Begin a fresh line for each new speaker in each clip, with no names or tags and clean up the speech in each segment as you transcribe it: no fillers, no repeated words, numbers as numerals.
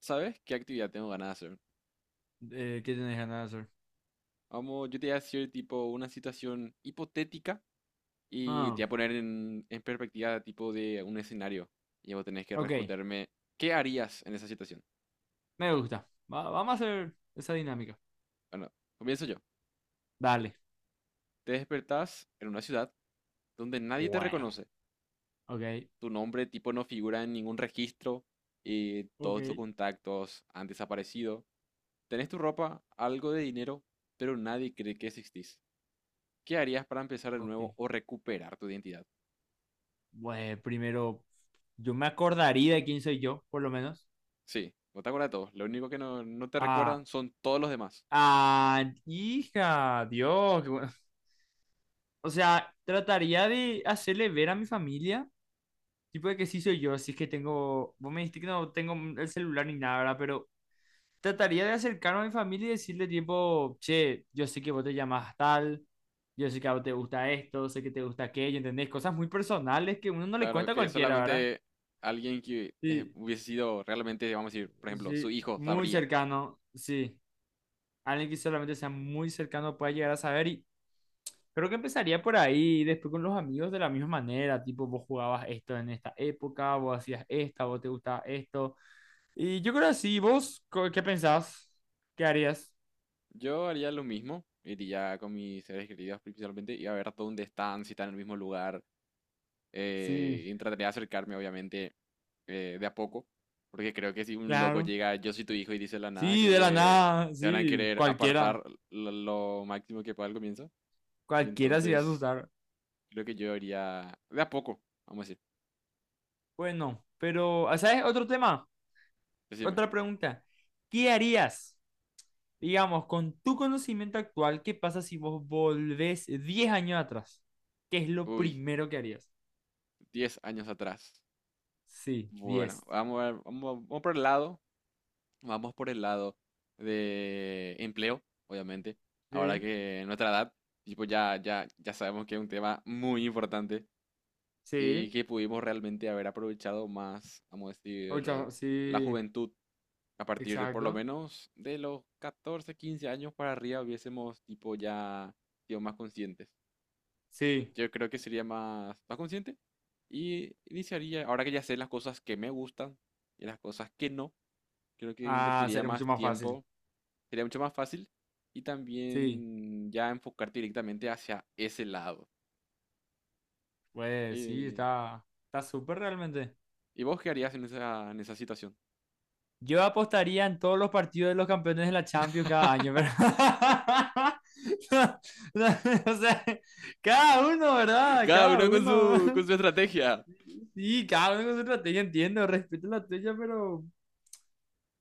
¿Sabes qué actividad tengo ganas de hacer?
¿Qué tienes ganas de hacer?
Vamos, yo te voy a decir tipo una situación hipotética y
Ah,
te voy a poner en perspectiva tipo de un escenario. Y vos tenés que
ok,
responderme, ¿qué harías en esa situación?
me gusta. Vamos a hacer esa dinámica.
Bueno, comienzo yo.
Dale.
Te despertás en una ciudad donde nadie te
Bueno,
reconoce.
ok.
Tu nombre tipo no figura en ningún registro y todos tus
Ok.
contactos han desaparecido. Tenés tu ropa, algo de dinero, pero nadie cree que existís. ¿Qué harías para empezar de
Ok.
nuevo o recuperar tu identidad?
Bueno, primero, yo me acordaría de quién soy yo, por lo menos.
Sí, vos te acuerdas de todos. Lo único que no te
Ah,
recuerdan son todos los demás.
ah, hija, Dios, qué bueno. O sea, trataría de hacerle ver a mi familia, tipo de que sí soy yo, así que tengo, vos me dijiste que no tengo el celular ni nada, ¿verdad? Pero trataría de acercarme a mi familia y decirle tipo, che, yo sé que vos te llamás tal, yo sé que a vos te gusta esto, sé que te gusta aquello, ¿entendés? Cosas muy personales que uno no le
Claro,
cuenta a
que
cualquiera, ¿verdad?
solamente alguien que
Sí,
hubiese sido realmente, vamos a decir, por ejemplo, su
sí,
hijo
muy
sabría.
cercano, sí. Alguien que solamente sea muy cercano pueda llegar a saber, y creo que empezaría por ahí y después con los amigos de la misma manera, tipo, vos jugabas esto en esta época, vos hacías esta, vos te gustaba esto. Y yo creo así. ¿Qué pensás? ¿Qué harías?
Yo haría lo mismo, iría con mis seres queridos principalmente, iba a ver hasta dónde están, si están en el mismo lugar,
Sí,
y trataría de acercarme, obviamente, de a poco, porque creo que si un loco
claro.
llega, yo soy tu hijo y dice la nada,
Sí,
creo
de la
que
nada,
te van a
sí,
querer
cualquiera,
apartar lo máximo que pueda al comienzo, y
cualquiera se iba a
entonces
asustar.
creo que yo iría de a poco, vamos a decir,
Bueno, pero, ah, ¿sabes? Otro tema,
decime.
otra pregunta. ¿Qué harías, digamos, con tu conocimiento actual? ¿Qué pasa si vos volvés 10 años atrás? ¿Qué es lo
Uy,
primero que harías?
10 años atrás.
Sí,
Bueno,
diez.
vamos, a ver, vamos, vamos por el lado de empleo, obviamente. Ahora
Sí,
que nuestra edad, tipo, ya sabemos que es un tema muy importante y
sí,
que pudimos realmente haber aprovechado más, vamos a decir,
ocho,
la
sí,
juventud a partir de por lo
exacto.
menos de los 14-15 años para arriba hubiésemos tipo ya sido más conscientes.
Sí,
Yo creo que sería más consciente y iniciaría, ahora que ya sé las cosas que me gustan y las cosas que no, creo que
ah,
invertiría
sería mucho
más
más fácil.
tiempo, sería mucho más fácil y
Sí,
también ya enfocarte directamente hacia ese lado.
pues sí,
Eh,
está, está súper realmente.
¿Y vos qué harías en esa situación?
Yo apostaría en todos los partidos de los campeones de la Champions cada año, ¿verdad? No, no, o sea, cada uno, ¿verdad?
Cada
Cada
uno con
uno.
su estrategia.
Sí, cada uno con su estrategia, entiendo, respeto la tuya, pero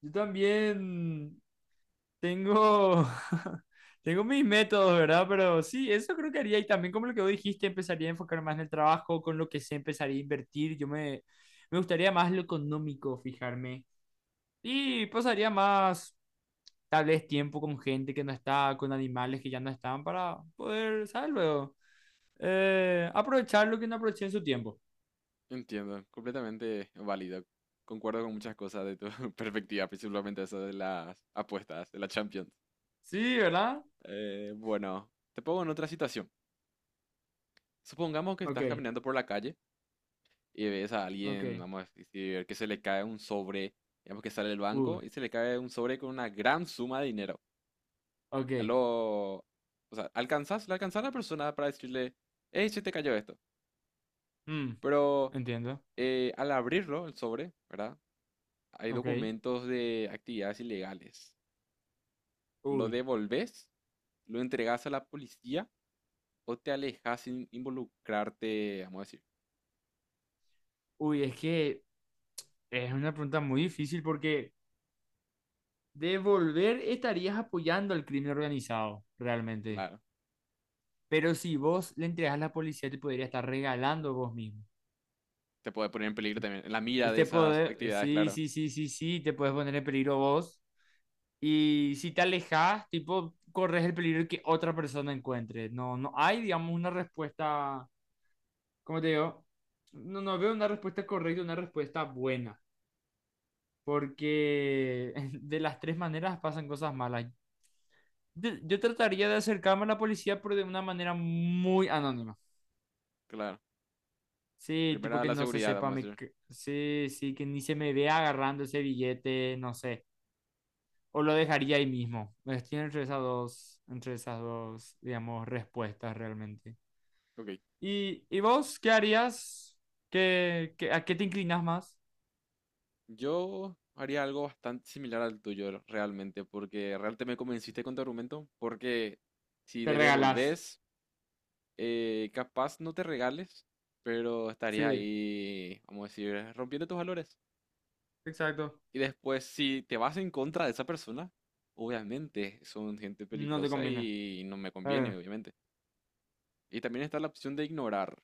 yo también tengo, tengo mis métodos, ¿verdad? Pero sí, eso creo que haría. Y también como lo que vos dijiste, empezaría a enfocar más en el trabajo, con lo que sé, empezaría a invertir. Me gustaría más lo económico, fijarme. Y pasaría más tal vez tiempo con gente que no está, con animales que ya no están, para poder, ¿sabes? Luego, aprovechar lo que no aproveché en su tiempo.
Entiendo, completamente válido. Concuerdo con muchas cosas de tu perspectiva, principalmente eso de las apuestas, de la Champions.
Sí, ¿verdad?
Bueno, te pongo en otra situación. Supongamos que estás
Ok,
caminando por la calle y ves a
ok,
alguien, vamos a decir, que se le cae un sobre, digamos que sale del
uy,
banco y se le cae un sobre con una gran suma de dinero.
ok,
O sea, le alcanzas a la persona para decirle, hey, se te cayó esto.
mm,
Pero
entiendo,
al abrirlo, el sobre, ¿verdad? Hay
ok,
documentos de actividades ilegales. ¿Lo
uy,
devolves? ¿Lo entregas a la policía? ¿O te alejas sin involucrarte, vamos a decir?
uy, es que es una pregunta muy difícil porque devolver estarías apoyando al crimen organizado, realmente.
Claro,
Pero si vos le entregas a la policía, te podría estar regalando vos mismo.
te puede poner en peligro también, en la mira de
Este
esas
poder,
actividades,
sí,
claro.
sí, sí, sí, sí, te puedes poner en peligro vos. Y si te alejas, tipo, corres el peligro de que otra persona encuentre. No, no hay, digamos, una respuesta, ¿cómo te digo? No, no veo una respuesta correcta, una respuesta buena, porque de las tres maneras pasan cosas malas. Yo trataría de acercarme a la policía, pero de una manera muy anónima.
Claro.
Sí, tipo
Primera
que
la
no se
seguridad,
sepa,
vamos a decir.
sí, sí, que ni se me vea agarrando ese billete, no sé. O lo dejaría ahí mismo. Estoy entre esas dos, digamos, respuestas realmente.
Ok.
¿Y vos qué harías? ¿ A qué te inclinas más?
Yo haría algo bastante similar al tuyo realmente, porque realmente me convenciste con tu argumento, porque si
Te
le
regalás.
devolves, capaz no te regales, pero estarías
Sí,
ahí, vamos a decir, rompiendo tus valores.
exacto.
Y después, si te vas en contra de esa persona, obviamente son gente
No te
peligrosa
conviene.
y no me conviene,
Eh,
obviamente. Y también está la opción de ignorar.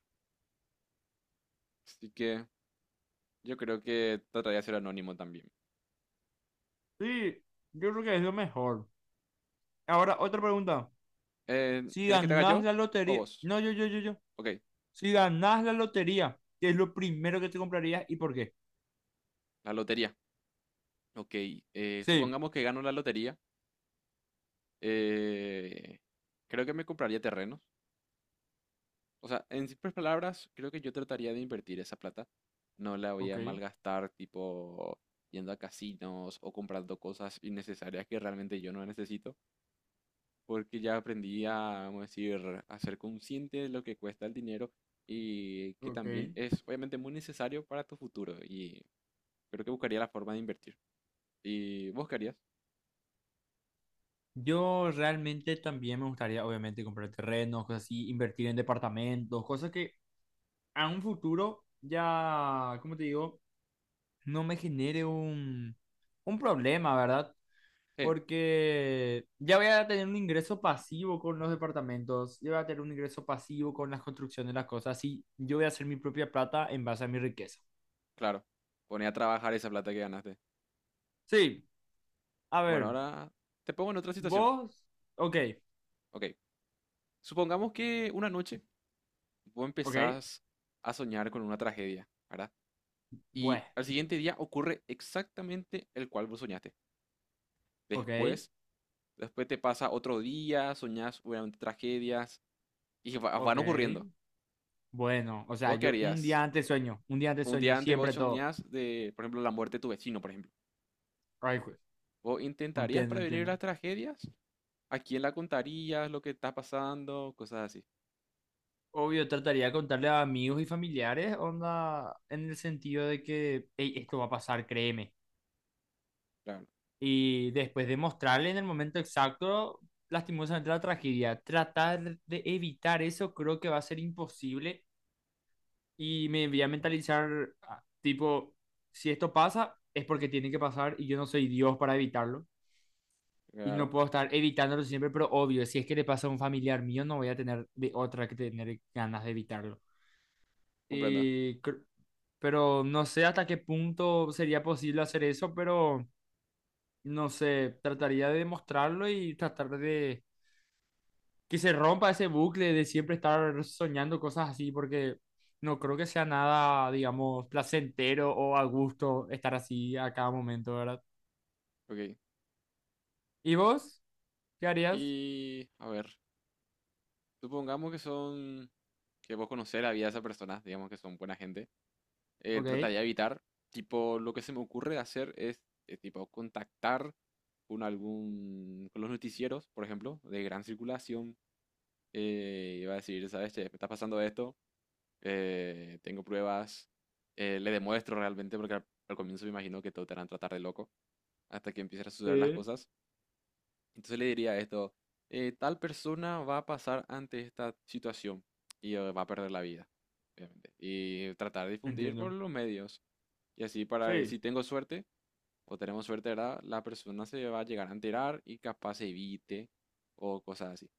Así que yo creo que trataría de ser anónimo también.
sí, yo creo que es lo mejor. Ahora, otra pregunta. Si
¿Querés que te haga
ganás
yo
la
o
lotería.
vos?
No, yo.
Ok,
Si ganás la lotería, ¿qué es lo primero que te comprarías y por qué?
la lotería. Ok,
Sí.
supongamos que gano la lotería. eh, creo que me compraría terrenos. O sea, en simples palabras, creo que yo trataría de invertir esa plata. No la voy
Ok,
a malgastar, tipo yendo a casinos o comprando cosas innecesarias que realmente yo no necesito, porque ya aprendí a, vamos a decir, a ser consciente de lo que cuesta el dinero y que
ok.
también es obviamente muy necesario para tu futuro y creo que buscaría la forma de invertir. ¿Y vos querías?
Yo realmente también me gustaría, obviamente, comprar terrenos, cosas así, invertir en departamentos, cosas que a un futuro ya, como te digo, no me genere un problema, ¿verdad?
Sí,
Porque ya voy a tener un ingreso pasivo con los departamentos, ya voy a tener un ingreso pasivo con las construcciones, las cosas así. Yo voy a hacer mi propia plata en base a mi riqueza.
claro. Poné a trabajar esa plata que ganaste.
Sí, a
Bueno,
ver,
ahora te pongo en otra situación.
vos, ok,
Ok. Supongamos que una noche vos
ok,
empezás a soñar con una tragedia, ¿verdad?
bueno,
Y al siguiente día ocurre exactamente el cual vos soñaste.
ok,
Después, Después te pasa otro día, soñás obviamente tragedias y
ok.
van ocurriendo.
Bueno, o sea,
¿Vos qué
yo un
harías?
día antes sueño, un día antes
Un
sueño,
día antes vos
siempre todo.
soñás de, por ejemplo, la muerte de tu vecino, por ejemplo.
Ay, jue-
¿Vos intentarías
entiendo,
prevenir
entiendo.
las tragedias? ¿A quién la contarías lo que está pasando? Cosas así.
Obvio, trataría de contarle a amigos y familiares, onda, en el sentido de que "Ey, esto va a pasar, créeme".
Claro,
Y después de mostrarle en el momento exacto, lastimosamente la tragedia, tratar de evitar eso creo que va a ser imposible y me voy a mentalizar, ah, tipo, si esto pasa, es porque tiene que pasar y yo no soy Dios para evitarlo. Y no
claro,
puedo estar evitándolo siempre, pero obvio, si es que le pasa a un familiar mío, no voy a tener de otra que tener ganas de evitarlo.
comprendo.
Y cr- pero no sé hasta qué punto sería posible hacer eso, pero no sé, trataría de demostrarlo y tratar de que se rompa ese bucle de siempre estar soñando cosas así, porque no creo que sea nada, digamos, placentero o a gusto estar así a cada momento, ¿verdad?
Ok.
¿Y vos? ¿Qué harías?
Y, a ver, supongamos que que vos conocés la vida de esa persona, digamos que son buena gente. eh,
Ok.
trataría de evitar, tipo, lo que se me ocurre hacer es, tipo, contactar con los noticieros, por ejemplo, de gran circulación. Y va a decir, ¿sabes? Che, me está pasando esto, tengo pruebas, le demuestro realmente, porque al comienzo me imagino que todos te van a tratar de loco hasta que empiezan a suceder las
Sí.
cosas. Entonces le diría esto, tal persona va a pasar ante esta situación y va a perder la vida, obviamente. Y tratar de difundir por
Entiendo.
los medios. Y así para, si
Sí.
tengo suerte o tenemos suerte, ¿verdad? La persona se va a llegar a enterar y capaz se evite o cosas así,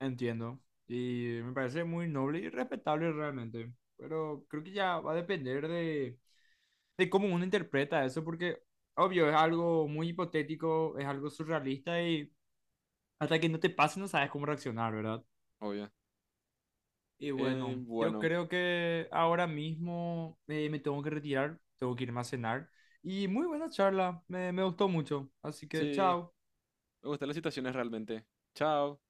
Entiendo. Y me parece muy noble y respetable realmente. Pero creo que ya va a depender de cómo uno interpreta eso, porque obvio, es algo muy hipotético, es algo surrealista y hasta que no te pase no sabes cómo reaccionar, ¿verdad?
obvio.
Y bueno, yo
Bueno,
creo que ahora mismo me tengo que retirar, tengo que irme a cenar. Y muy buena charla, me gustó mucho. Así que
sí,
chao.
me gustan las situaciones realmente. Chao.